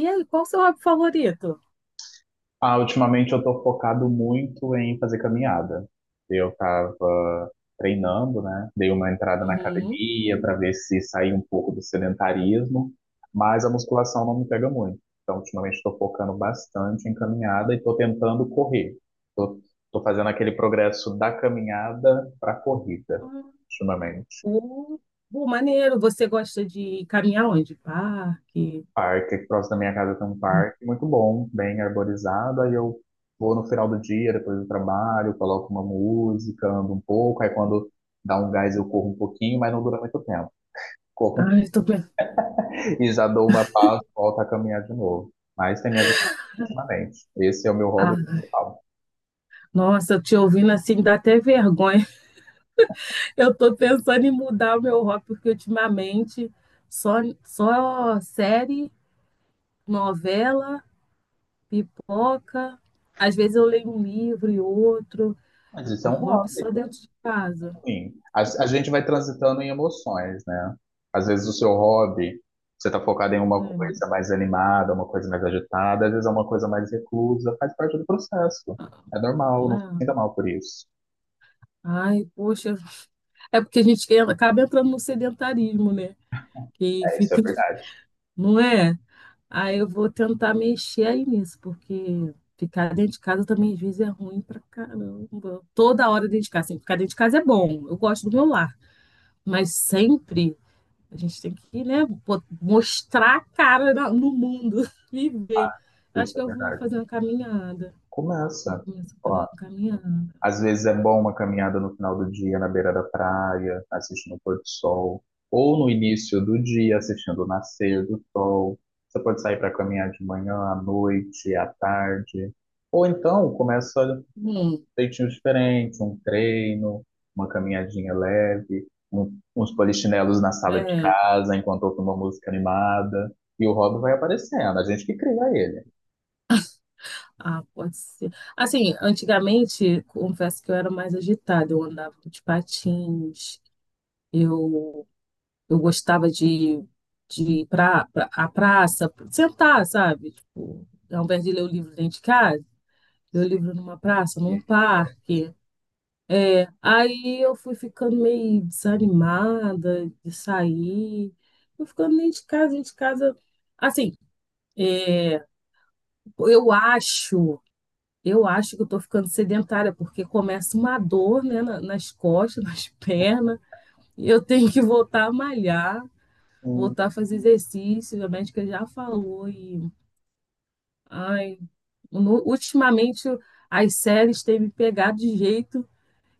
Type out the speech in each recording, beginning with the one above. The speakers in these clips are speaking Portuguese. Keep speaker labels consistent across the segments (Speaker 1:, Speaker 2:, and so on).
Speaker 1: E aí, qual o seu hobby favorito?
Speaker 2: Ah, ultimamente eu tô focado muito em fazer caminhada. Eu tava treinando, né? Dei uma entrada na
Speaker 1: Uhum.
Speaker 2: academia para ver se saía um pouco do sedentarismo, mas a musculação não me pega muito. Então, ultimamente estou focando bastante em caminhada e estou tentando correr. Tô, tô fazendo aquele progresso da caminhada para a corrida,
Speaker 1: Ah,
Speaker 2: ultimamente.
Speaker 1: o, maneiro, você gosta de caminhar onde? Parque?
Speaker 2: Parque, aqui próximo da minha casa tem um parque muito bom, bem arborizado. Aí eu vou no final do dia, depois do trabalho, coloco uma música, ando um pouco. Aí quando dá um gás eu corro um pouquinho, mas não dura muito tempo. Corro
Speaker 1: Ai, eu tô pensando.
Speaker 2: e já dou uma pausa, volto a caminhar de novo. Mas tem me ajudado ultimamente. Esse é o meu hobby
Speaker 1: Ah,
Speaker 2: principal.
Speaker 1: nossa, te ouvindo assim dá até vergonha. Eu tô pensando em mudar o meu hobby, porque ultimamente só, só série, novela, pipoca. Às vezes eu leio um livro e outro.
Speaker 2: Mas isso
Speaker 1: O
Speaker 2: é um
Speaker 1: hobby
Speaker 2: hobby.
Speaker 1: só dentro de casa.
Speaker 2: Sim, a gente vai transitando em emoções, né? Às vezes o seu hobby, você tá focado em uma
Speaker 1: Hum,
Speaker 2: coisa mais animada, uma coisa mais agitada, às vezes é uma coisa mais reclusa, faz parte do processo. É normal, não se sinta
Speaker 1: ah,
Speaker 2: mal por isso.
Speaker 1: Ai, poxa. É porque a gente acaba entrando no sedentarismo, né? Que
Speaker 2: É, isso é
Speaker 1: fica,
Speaker 2: verdade,
Speaker 1: não é? Aí eu vou tentar mexer aí nisso, porque ficar dentro de casa também às vezes é ruim pra caramba. Toda hora dentro de casa, assim, ficar dentro de casa é bom, eu gosto do meu lar, mas sempre a gente tem que, né, mostrar a cara no mundo, viver. Acho
Speaker 2: isso é
Speaker 1: que eu vou
Speaker 2: verdade.
Speaker 1: fazer uma caminhada. Vou
Speaker 2: Começa.
Speaker 1: começar a fazer
Speaker 2: Ó.
Speaker 1: uma caminhada.
Speaker 2: Às vezes é bom uma caminhada no final do dia na beira da praia, assistindo o pôr do sol, ou no início do dia assistindo o nascer do sol. Você pode sair para caminhar de manhã, à noite, à tarde, ou então começa um
Speaker 1: Hum,
Speaker 2: jeitinho diferente, um treino, uma caminhadinha leve, uns polichinelos na sala de
Speaker 1: é.
Speaker 2: casa enquanto ouve uma música animada, e o hobby vai aparecendo, a gente que cria ele.
Speaker 1: Ah, pode ser. Assim, antigamente, confesso que eu era mais agitada, eu andava de patins, eu, eu gostava de ir para a praça, sentar, sabe? Tipo, ao invés de ler o livro dentro de casa, ler o livro numa praça,
Speaker 2: E
Speaker 1: num
Speaker 2: a gente,
Speaker 1: parque. Aí eu fui ficando meio desanimada de sair, fui ficando dentro de casa, dentro de casa. Assim, é, eu acho. Eu acho que eu tô ficando sedentária, porque começa uma dor, né, nas costas, nas pernas, e eu tenho que voltar a malhar,
Speaker 2: "Hum,
Speaker 1: voltar a fazer exercício, a médica já falou, e, ai, ultimamente as séries têm me pegado de jeito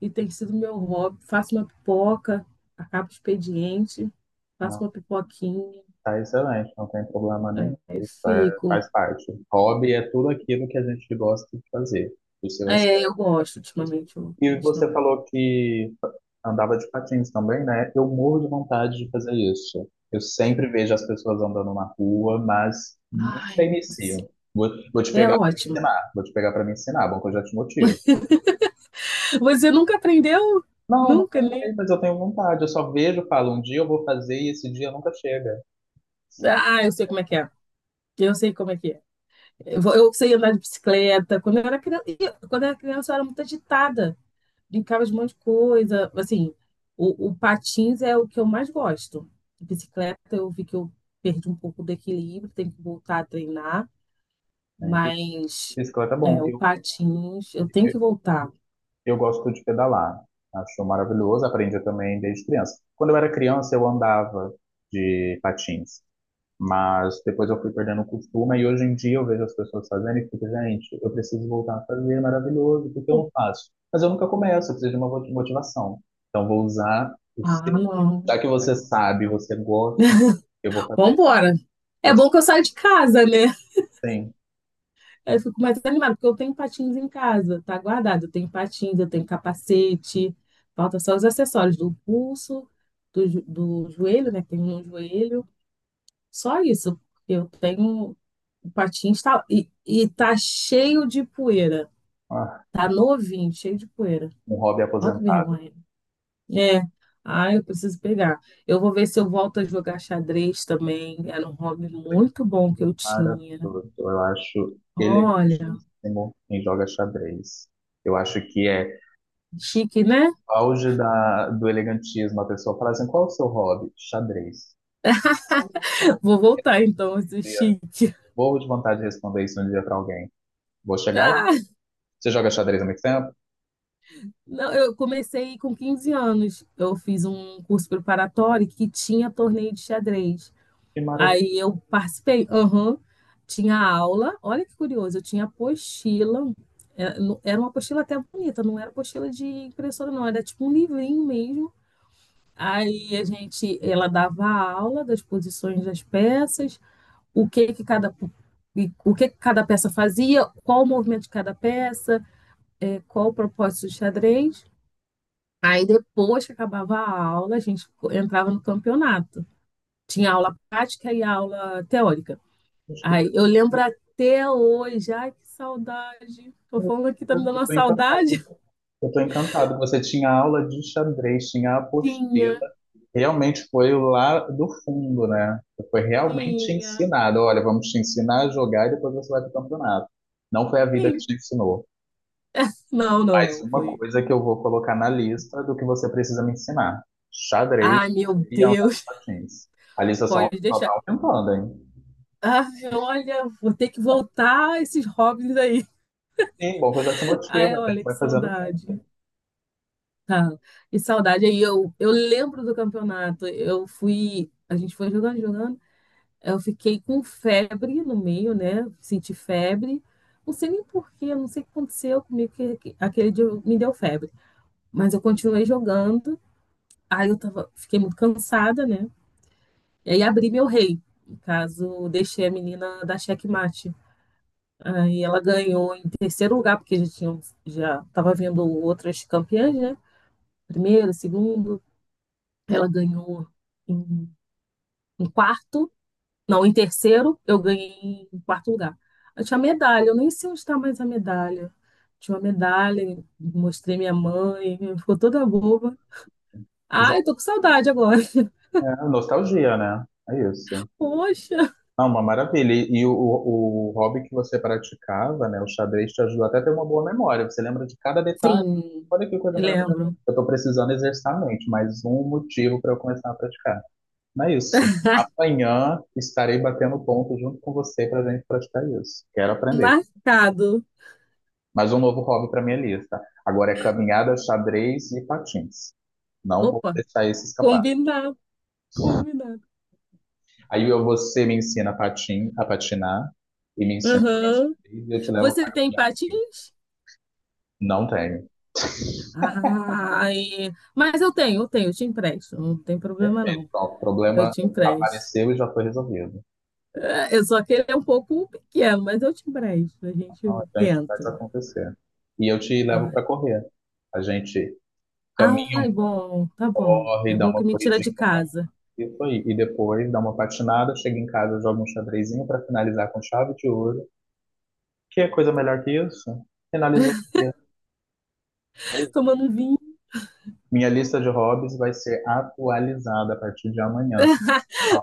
Speaker 1: e tem sido meu hobby. Faço uma pipoca, acabo o expediente, faço
Speaker 2: não.
Speaker 1: uma pipoquinha,
Speaker 2: Tá excelente, não tem problema nenhum.
Speaker 1: aí
Speaker 2: Isso é,
Speaker 1: fico.
Speaker 2: faz parte. Hobby é tudo aquilo que a gente gosta de fazer, dos seus
Speaker 1: É, eu
Speaker 2: aspectos.
Speaker 1: gosto ultimamente, eu tô
Speaker 2: E você
Speaker 1: gostando.
Speaker 2: falou que andava de patins também, né? Eu morro de vontade de fazer isso. Eu sempre vejo as pessoas andando na rua, mas nunca
Speaker 1: Ai,
Speaker 2: inicio.
Speaker 1: nossa,
Speaker 2: Vou te
Speaker 1: é
Speaker 2: pegar para me
Speaker 1: ótimo.
Speaker 2: ensinar, vou te pegar para me ensinar, bom que eu já te motivo.
Speaker 1: Você nunca aprendeu?
Speaker 2: Não, não
Speaker 1: Nunca,
Speaker 2: andei,
Speaker 1: nem.
Speaker 2: mas eu tenho vontade. Eu só vejo, falo, um dia eu vou fazer e esse dia nunca chega.
Speaker 1: Ah, eu sei como é que é. Eu sei como é que é. Eu sei andar de bicicleta. Quando eu era criança, quando eu era criança, eu era muito agitada. Brincava de um monte de coisa. Assim, o patins é o que eu mais gosto. Bicicleta, eu vi que eu perdi um pouco do equilíbrio, tenho que voltar a treinar.
Speaker 2: É,
Speaker 1: Mas
Speaker 2: bicicleta é
Speaker 1: é,
Speaker 2: bom.
Speaker 1: o patins, eu tenho que voltar.
Speaker 2: Eu gosto de pedalar, acho maravilhoso, aprendi também desde criança. Quando eu era criança, eu andava de patins, mas depois eu fui perdendo o costume e hoje em dia eu vejo as pessoas fazendo e fico, gente, eu preciso voltar a fazer, é maravilhoso, porque eu não faço? Mas eu nunca começo, eu preciso de uma motivação. Então vou usar o
Speaker 1: Ah,
Speaker 2: seu.
Speaker 1: não.
Speaker 2: Já que você sabe, você gosta, eu vou fazer.
Speaker 1: Vambora. É
Speaker 2: Vou te-
Speaker 1: bom que eu saio de casa, né?
Speaker 2: Sim,
Speaker 1: Aí eu fico mais animada, porque eu tenho patins em casa, tá guardado. Eu tenho patins, eu tenho capacete, falta só os acessórios do pulso, do joelho, né? Tem um joelho, só isso. Eu tenho o patins tá, e tá cheio de poeira,
Speaker 2: ah,
Speaker 1: tá novinho, cheio de poeira.
Speaker 2: um hobby
Speaker 1: Olha que
Speaker 2: aposentado.
Speaker 1: vergonha. É, ah, eu preciso pegar. Eu vou ver se eu volto a jogar xadrez também. Era um hobby muito bom que eu
Speaker 2: Para
Speaker 1: tinha.
Speaker 2: tudo. Eu acho
Speaker 1: Olha,
Speaker 2: elegantíssimo quem joga xadrez. Eu acho que é
Speaker 1: chique, né?
Speaker 2: auge do elegantismo. A pessoa fala assim: qual é o seu hobby? Xadrez.
Speaker 1: Vou voltar então, esse
Speaker 2: Dia.
Speaker 1: chique.
Speaker 2: Vou de vontade de responder isso um dia para alguém. Vou chegar lá.
Speaker 1: Ah,
Speaker 2: Você joga xadrez há muito tempo?
Speaker 1: não, eu comecei com 15 anos. Eu fiz um curso preparatório que tinha torneio de xadrez.
Speaker 2: Que maravilha.
Speaker 1: Aí eu participei, aham, tinha aula. Olha que curioso, eu tinha apostila. Era era uma apostila até bonita, não era apostila de impressora, não, era tipo um livrinho mesmo. Aí a gente, ela dava a aula das posições das peças, o que que cada, o que que cada peça fazia, qual o movimento de cada peça, é, qual o propósito do xadrez. Aí depois que acabava a aula, a gente entrava no campeonato. Tinha aula prática e aula teórica.
Speaker 2: acho que-
Speaker 1: Aí eu lembro até hoje, ai que saudade. Tô falando aqui, tá me dando
Speaker 2: Eu
Speaker 1: uma
Speaker 2: tô encantado.
Speaker 1: saudade?
Speaker 2: Eu estou encantado. Você tinha aula de xadrez, tinha
Speaker 1: Tinha,
Speaker 2: apostila. Realmente foi lá do fundo, né? Foi realmente
Speaker 1: tinha,
Speaker 2: ensinado. Olha, vamos te ensinar a jogar e depois você vai para o campeonato. Não foi a vida que
Speaker 1: sim.
Speaker 2: te ensinou.
Speaker 1: Não, não,
Speaker 2: Mas
Speaker 1: não,
Speaker 2: uma
Speaker 1: foi.
Speaker 2: coisa que eu vou colocar na lista do que você precisa me ensinar: xadrez
Speaker 1: Ai, meu
Speaker 2: e andar de
Speaker 1: Deus,
Speaker 2: patins. A lista só,
Speaker 1: pode
Speaker 2: só
Speaker 1: deixar.
Speaker 2: tá aumentando, hein?
Speaker 1: Ai, olha, vou ter que voltar a esses hobbies aí.
Speaker 2: Sim, bom que eu já te motivo,
Speaker 1: Ai,
Speaker 2: a gente
Speaker 1: olha, que
Speaker 2: vai fazendo
Speaker 1: saudade.
Speaker 2: junto.
Speaker 1: Tá. E saudade aí, eu lembro do campeonato. Eu fui, a gente foi jogando, jogando. Eu fiquei com febre no meio, né? Senti febre. Não sei nem porquê, não sei o que aconteceu comigo, que aquele dia me deu febre. Mas eu continuei jogando. Fiquei muito cansada, né? E aí abri meu rei. No caso, eu deixei a menina da xeque-mate. Aí ela ganhou em terceiro lugar, porque já tinha, já tava vendo outras campeãs, né? Primeiro, segundo. Ela ganhou em, em quarto, não, em terceiro, eu ganhei em quarto lugar. Eu tinha medalha, eu nem sei onde está mais a medalha. Tinha uma medalha, mostrei minha mãe, ficou toda boba.
Speaker 2: Já,
Speaker 1: Ai, tô com saudade agora.
Speaker 2: é, nostalgia, né? É isso.
Speaker 1: Poxa.
Speaker 2: Ah, uma maravilha. E o, o hobby que você praticava, né? O xadrez te ajudou até a ter uma boa memória. Você lembra de cada detalhe.
Speaker 1: Sim,
Speaker 2: Olha que coisa maravilhosa.
Speaker 1: lembro.
Speaker 2: Eu estou precisando exercitar a mente, mais um motivo para eu começar a praticar. Não é isso. Amanhã estarei batendo ponto junto com você para a gente praticar isso. Quero aprender.
Speaker 1: Marcado.
Speaker 2: Mais um novo hobby para minha lista. Agora é caminhada, xadrez e patins. Não vou
Speaker 1: Opa,
Speaker 2: deixar esse escapar.
Speaker 1: combinado, combinado.
Speaker 2: Você me ensina a patin, a patinar e me ensina a jogar
Speaker 1: Aham.
Speaker 2: xadrez e eu te levo
Speaker 1: Você
Speaker 2: para
Speaker 1: tem
Speaker 2: caminhar comigo.
Speaker 1: patins?
Speaker 2: Não tenho.
Speaker 1: Ai, mas eu tenho, eu tenho, eu te empresto. Não tem problema
Speaker 2: Perfeito.
Speaker 1: não.
Speaker 2: Pronto, o
Speaker 1: Eu
Speaker 2: problema
Speaker 1: te empresto.
Speaker 2: apareceu e já foi resolvido.
Speaker 1: Eu só que ele é um pouco pequeno, mas eu te empresto, a
Speaker 2: Então
Speaker 1: gente
Speaker 2: a gente faz
Speaker 1: tenta.
Speaker 2: acontecer. E eu te levo para correr. A gente caminha
Speaker 1: Ai,
Speaker 2: um
Speaker 1: bom, tá bom. É
Speaker 2: corre, dá
Speaker 1: bom
Speaker 2: uma
Speaker 1: que me tira
Speaker 2: corridinha
Speaker 1: de
Speaker 2: no parque,
Speaker 1: casa.
Speaker 2: isso aí. E depois dá uma patinada, chega em casa, joga um xadrezinho para finalizar com chave de ouro. Que é coisa melhor que isso? Finalizou o dia. É isso.
Speaker 1: Tomando um vinho.
Speaker 2: Minha lista de hobbies vai ser atualizada a partir de amanhã. Ah,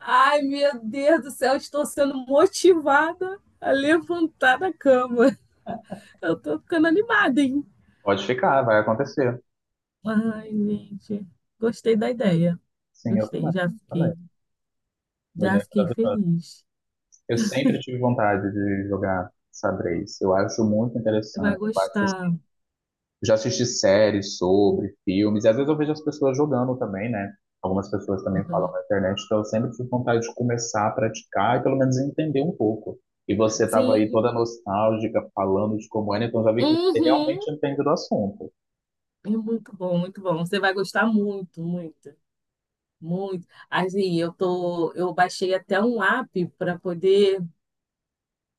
Speaker 1: Ai, meu Deus do céu, estou sendo motivada a levantar da cama. Eu tô ficando animada, hein?
Speaker 2: pode ficar, vai acontecer.
Speaker 1: Ai, gente, gostei da ideia.
Speaker 2: Sim, eu
Speaker 1: Gostei,
Speaker 2: também. Também. Uma
Speaker 1: já
Speaker 2: ideia
Speaker 1: fiquei
Speaker 2: maravilhosa.
Speaker 1: feliz.
Speaker 2: Eu sempre tive vontade de jogar xadrez. Eu acho muito
Speaker 1: Você vai
Speaker 2: interessante. Eu acho, assim,
Speaker 1: gostar.
Speaker 2: eu já assisti séries sobre, filmes, e às vezes eu vejo as pessoas jogando também, né? Algumas pessoas também falam
Speaker 1: Uhum.
Speaker 2: na internet, então eu sempre tive vontade de começar a praticar e pelo menos entender um pouco. E você estava aí
Speaker 1: Sim,
Speaker 2: toda nostálgica, falando de como era, então já vi que você
Speaker 1: uhum.
Speaker 2: realmente entende do assunto.
Speaker 1: É muito bom, muito bom. Você vai gostar muito, muito. Muito. Assim, eu baixei até um app para poder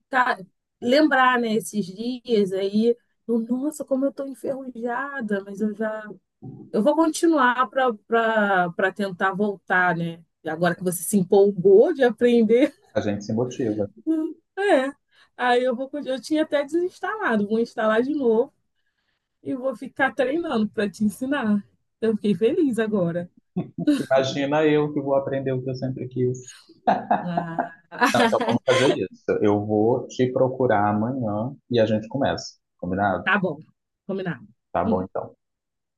Speaker 1: tá, lembrar, né, esses dias aí. Eu, nossa, como eu tô enferrujada, mas eu já, eu vou continuar para tentar voltar, né? E agora que você se empolgou de aprender,
Speaker 2: A gente se motiva.
Speaker 1: é. Aí eu vou, eu tinha até desinstalado, vou instalar de novo e vou ficar treinando para te ensinar. Eu fiquei feliz agora.
Speaker 2: Imagina eu que vou aprender o que eu sempre quis.
Speaker 1: Ah,
Speaker 2: Não, então vamos fazer isso. Eu vou te procurar amanhã e a gente começa. Combinado?
Speaker 1: tá bom, combinado.
Speaker 2: Tá bom, então.